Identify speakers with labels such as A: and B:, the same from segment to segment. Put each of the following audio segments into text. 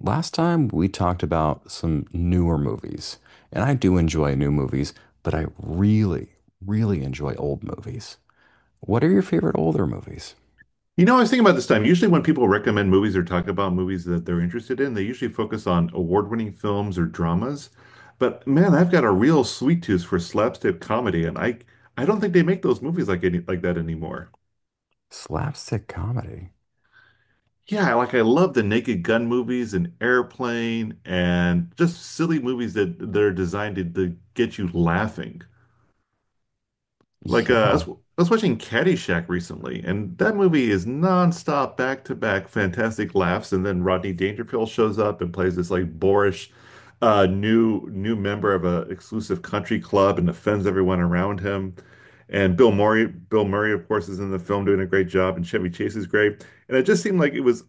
A: Last time we talked about some newer movies, and I do enjoy new movies, but I really, really enjoy old movies. What are your favorite older movies?
B: You know, I was thinking about this time. Usually, when people recommend movies or talk about movies that they're interested in, they usually focus on award-winning films or dramas. But man, I've got a real sweet tooth for slapstick comedy, and I don't think they make those movies like any like that anymore.
A: Slapstick comedy.
B: Yeah, like I love the Naked Gun movies and Airplane and just silly movies that are designed to get you laughing. Like I
A: Yeah.
B: was, I was watching Caddyshack recently, and that movie is nonstop, back to back, fantastic laughs, and then Rodney Dangerfield shows up and plays this like boorish new member of a exclusive country club and offends everyone around him. And Bill Murray, of course, is in the film doing a great job, and Chevy Chase is great. And it just seemed like it was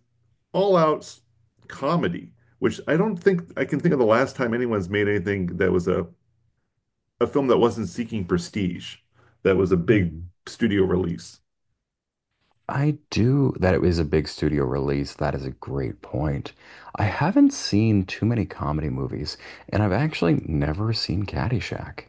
B: all out s- comedy, which I don't think I can think of the last time anyone's made anything that was a film that wasn't seeking prestige, that was a big
A: Hmm.
B: studio release.
A: I do that it was a big studio release. That is a great point. I haven't seen too many comedy movies, and I've actually never seen Caddyshack.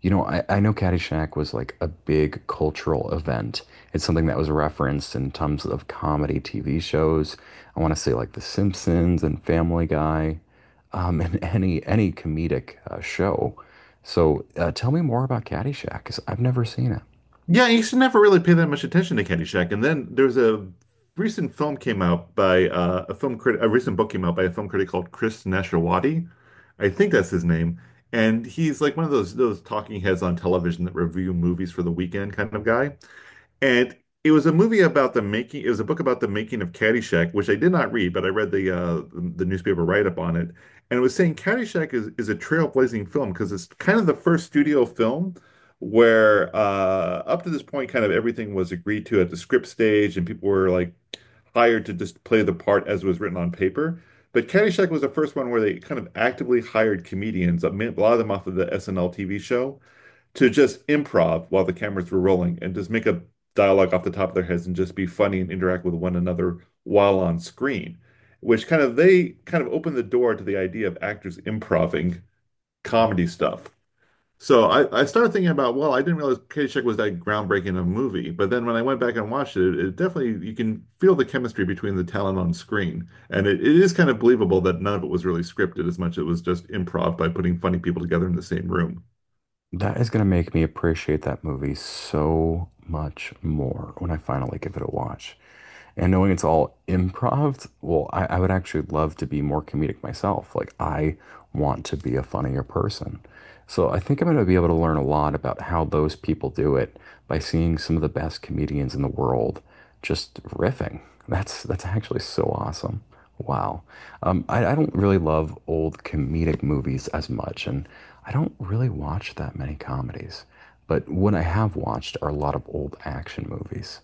A: You know, I know Caddyshack was like a big cultural event. It's something that was referenced in tons of comedy TV shows. I want to say like The Simpsons and Family Guy, and any comedic show. So tell me more about Caddyshack, because I've never seen it.
B: Yeah, you should never really pay that much attention to Caddyshack. And then there's a recent film came out by a film critic, a recent book came out by a film critic called Chris Nashawaty. I think that's his name. And he's like one of those talking heads on television that review movies for the weekend kind of guy. And it was a book about the making of Caddyshack, which I did not read, but I read the newspaper write-up on it. And it was saying Caddyshack is a trailblazing film because it's kind of the first studio film where up to this point, kind of everything was agreed to at the script stage and people were like hired to just play the part as it was written on paper. But Caddyshack was the first one where they kind of actively hired comedians, a lot of them off of the SNL TV show to just improv while the cameras were rolling and just make a dialogue off the top of their heads and just be funny and interact with one another while on screen, which they kind of opened the door to the idea of actors improving comedy stuff. So I started thinking about, well, I didn't realize Caddyshack was that groundbreaking of a movie. But then when I went back and watched it, it definitely, you can feel the chemistry between the talent on screen. And it is kind of believable that none of it was really scripted as much as it was just improv by putting funny people together in the same room.
A: That is going to make me appreciate that movie so much more when I finally give it a watch. And knowing it's all improv, well, I would actually love to be more comedic myself. Like, I want to be a funnier person. So I think I'm going to be able to learn a lot about how those people do it by seeing some of the best comedians in the world just riffing. That's actually so awesome. Wow. I don't really love old comedic movies as much, and I don't really watch that many comedies. But what I have watched are a lot of old action movies.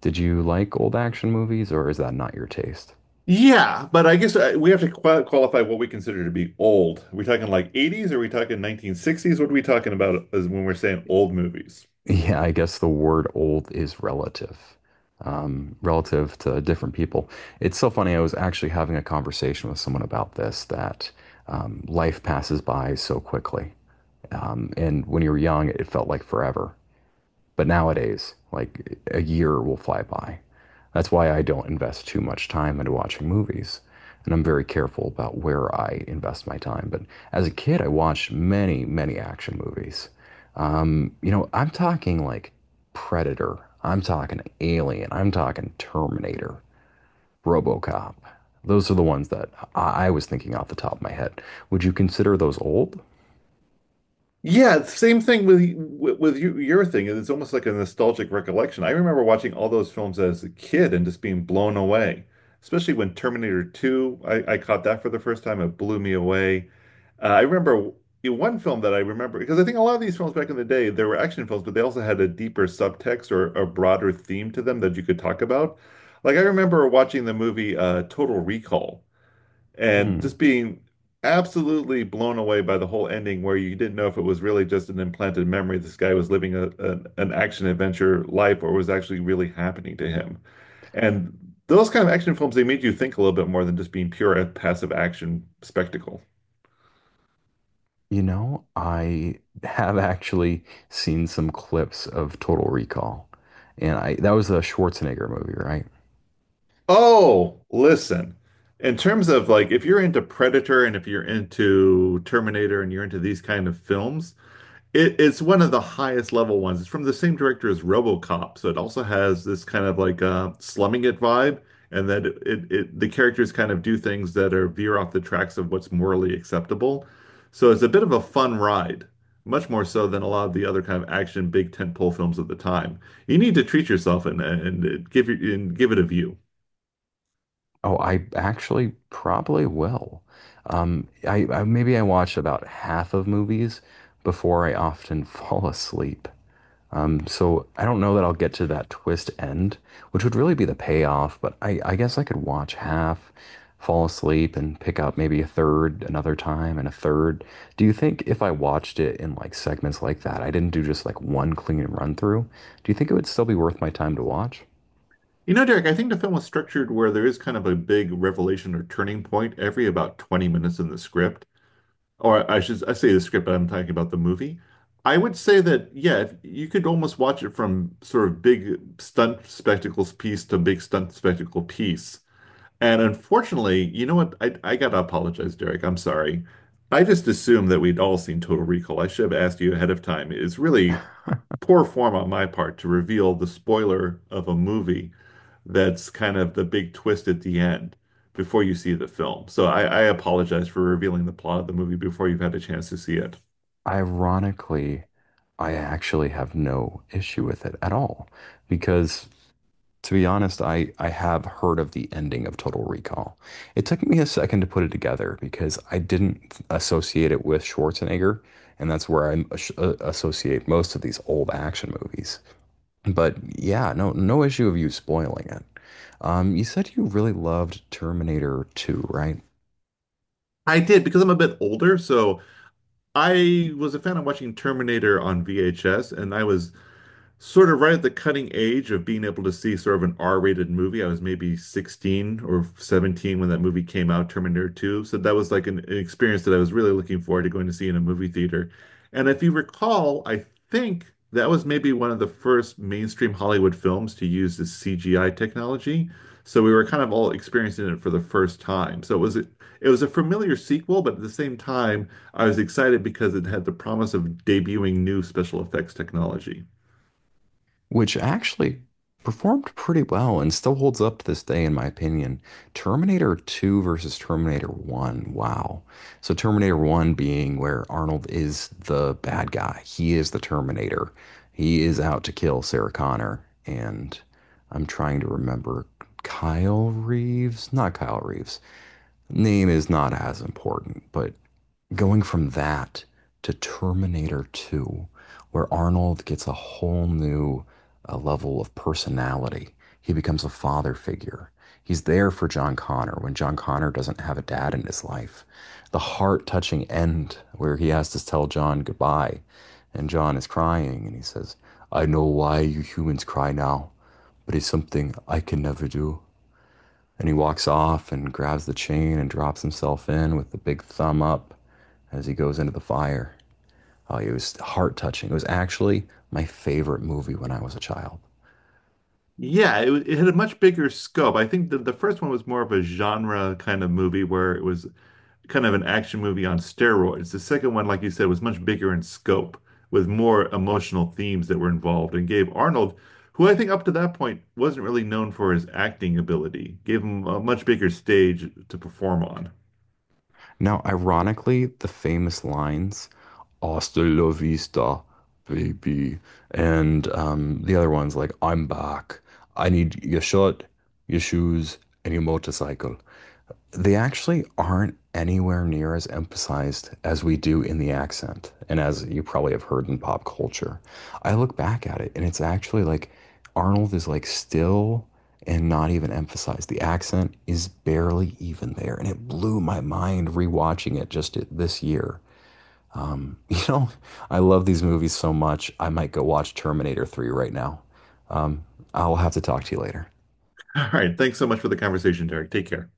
A: Did you like old action movies, or is that not your taste?
B: Yeah, but I guess we have to qualify what we consider to be old. Are we talking like 80s? Are we talking 1960s? What are we talking about as when we're saying old movies?
A: Yeah, I guess the word old is relative, relative to different people. It's so funny. I was actually having a conversation with someone about this that life passes by so quickly. And when you're young, it felt like forever. But nowadays, like a year will fly by. That's why I don't invest too much time into watching movies. And I'm very careful about where I invest my time. But as a kid, I watched many, many action movies. You know, I'm talking like Predator, I'm talking Alien, I'm talking Terminator, RoboCop. Those are the ones that I was thinking off the top of my head. Would you consider those old?
B: Yeah, same thing with you, your thing. It's almost like a nostalgic recollection. I remember watching all those films as a kid and just being blown away. Especially when Terminator 2, I caught that for the first time. It blew me away. I remember in one film that I remember because I think a lot of these films back in the day, there were action films, but they also had a deeper subtext or a broader theme to them that you could talk about. Like I remember watching the movie Total Recall and
A: Hmm.
B: just being absolutely blown away by the whole ending where you didn't know if it was really just an implanted memory. This guy was living an action adventure life or was actually really happening to him. And those kind of action films, they made you think a little bit more than just being pure passive action spectacle.
A: You know, I have actually seen some clips of Total Recall, and I that was a Schwarzenegger movie, right?
B: Oh, listen. In terms of like, if you're into Predator and if you're into Terminator and you're into these kind of films, it's one of the highest level ones. It's from the same director as RoboCop, so it also has this kind of like slumming it vibe, and that it the characters kind of do things that are veer off the tracks of what's morally acceptable. So it's a bit of a fun ride, much more so than a lot of the other kind of action big tentpole films of the time. You need to treat yourself and and give and give it a view.
A: Oh, I actually probably will. I maybe I watch about half of movies before I often fall asleep. So I don't know that I'll get to that twist end, which would really be the payoff, but I guess I could watch half, fall asleep, and pick up maybe a third another time and a third. Do you think if I watched it in like segments like that, I didn't do just like one clean run through, do you think it would still be worth my time to watch?
B: You know, Derek, I think the film was structured where there is kind of a big revelation or turning point every about 20 minutes in the script. Or I should I say the script, But I'm talking about the movie. I would say that yeah, if, you could almost watch it from sort of big stunt spectacles piece to big stunt spectacle piece. And unfortunately, you know what? I gotta apologize, Derek. I'm sorry. I just assumed that we'd all seen Total Recall. I should have asked you ahead of time. It's really poor form on my part to reveal the spoiler of a movie that's kind of the big twist at the end before you see the film. So I apologize for revealing the plot of the movie before you've had a chance to see it.
A: Ironically, I actually have no issue with it at all because to be honest, I have heard of the ending of Total Recall. It took me a second to put it together because I didn't associate it with Schwarzenegger, and that's where I associate most of these old action movies. But yeah, no no issue of you spoiling it. You said you really loved Terminator 2, right?
B: I did because I'm a bit older, so I was a fan of watching Terminator on VHS, and I was sort of right at the cutting edge of being able to see sort of an R-rated movie. I was maybe 16 or 17 when that movie came out, Terminator 2. So that was like an experience that I was really looking forward to going to see in a movie theater. And if you recall, I think that was maybe one of the first mainstream Hollywood films to use this CGI technology. So we were kind of all experiencing it for the first time. So it was it was a familiar sequel, but at the same time, I was excited because it had the promise of debuting new special effects technology.
A: Which actually performed pretty well and still holds up to this day, in my opinion. Terminator 2 versus Terminator 1. Wow. So, Terminator 1 being where Arnold is the bad guy, he is the Terminator. He is out to kill Sarah Connor. And I'm trying to remember Kyle Reeves, not Kyle Reeves. Name is not as important, but going from that to Terminator 2, where Arnold gets a whole new level of personality. He becomes a father figure. He's there for John Connor when John Connor doesn't have a dad in his life. The heart touching end where he has to tell John goodbye and John is crying and he says, I know why you humans cry now, but it's something I can never do. Then he walks off and grabs the chain and drops himself in with the big thumb up as he goes into the fire. Oh, it was heart touching. It was actually my favorite movie when I was a child.
B: It had a much bigger scope. I think the first one was more of a genre kind of movie where it was kind of an action movie on steroids. The second one, like you said, was much bigger in scope with more emotional themes that were involved and gave Arnold, who I think up to that point wasn't really known for his acting ability, gave him a much bigger stage to perform on.
A: Now, ironically, the famous lines, Hasta la vista, baby. And the other one's like, I'm back. I need your shirt, your shoes, and your motorcycle. They actually aren't anywhere near as emphasized as we do in the accent, and as you probably have heard in pop culture. I look back at it, and it's actually like Arnold is like still and not even emphasized. The accent is barely even there, and it blew my mind rewatching it just this year. You know, I love these movies so much. I might go watch Terminator 3 right now. Um, I'll have to talk to you later.
B: All right, thanks so much for the conversation, Derek. Take care.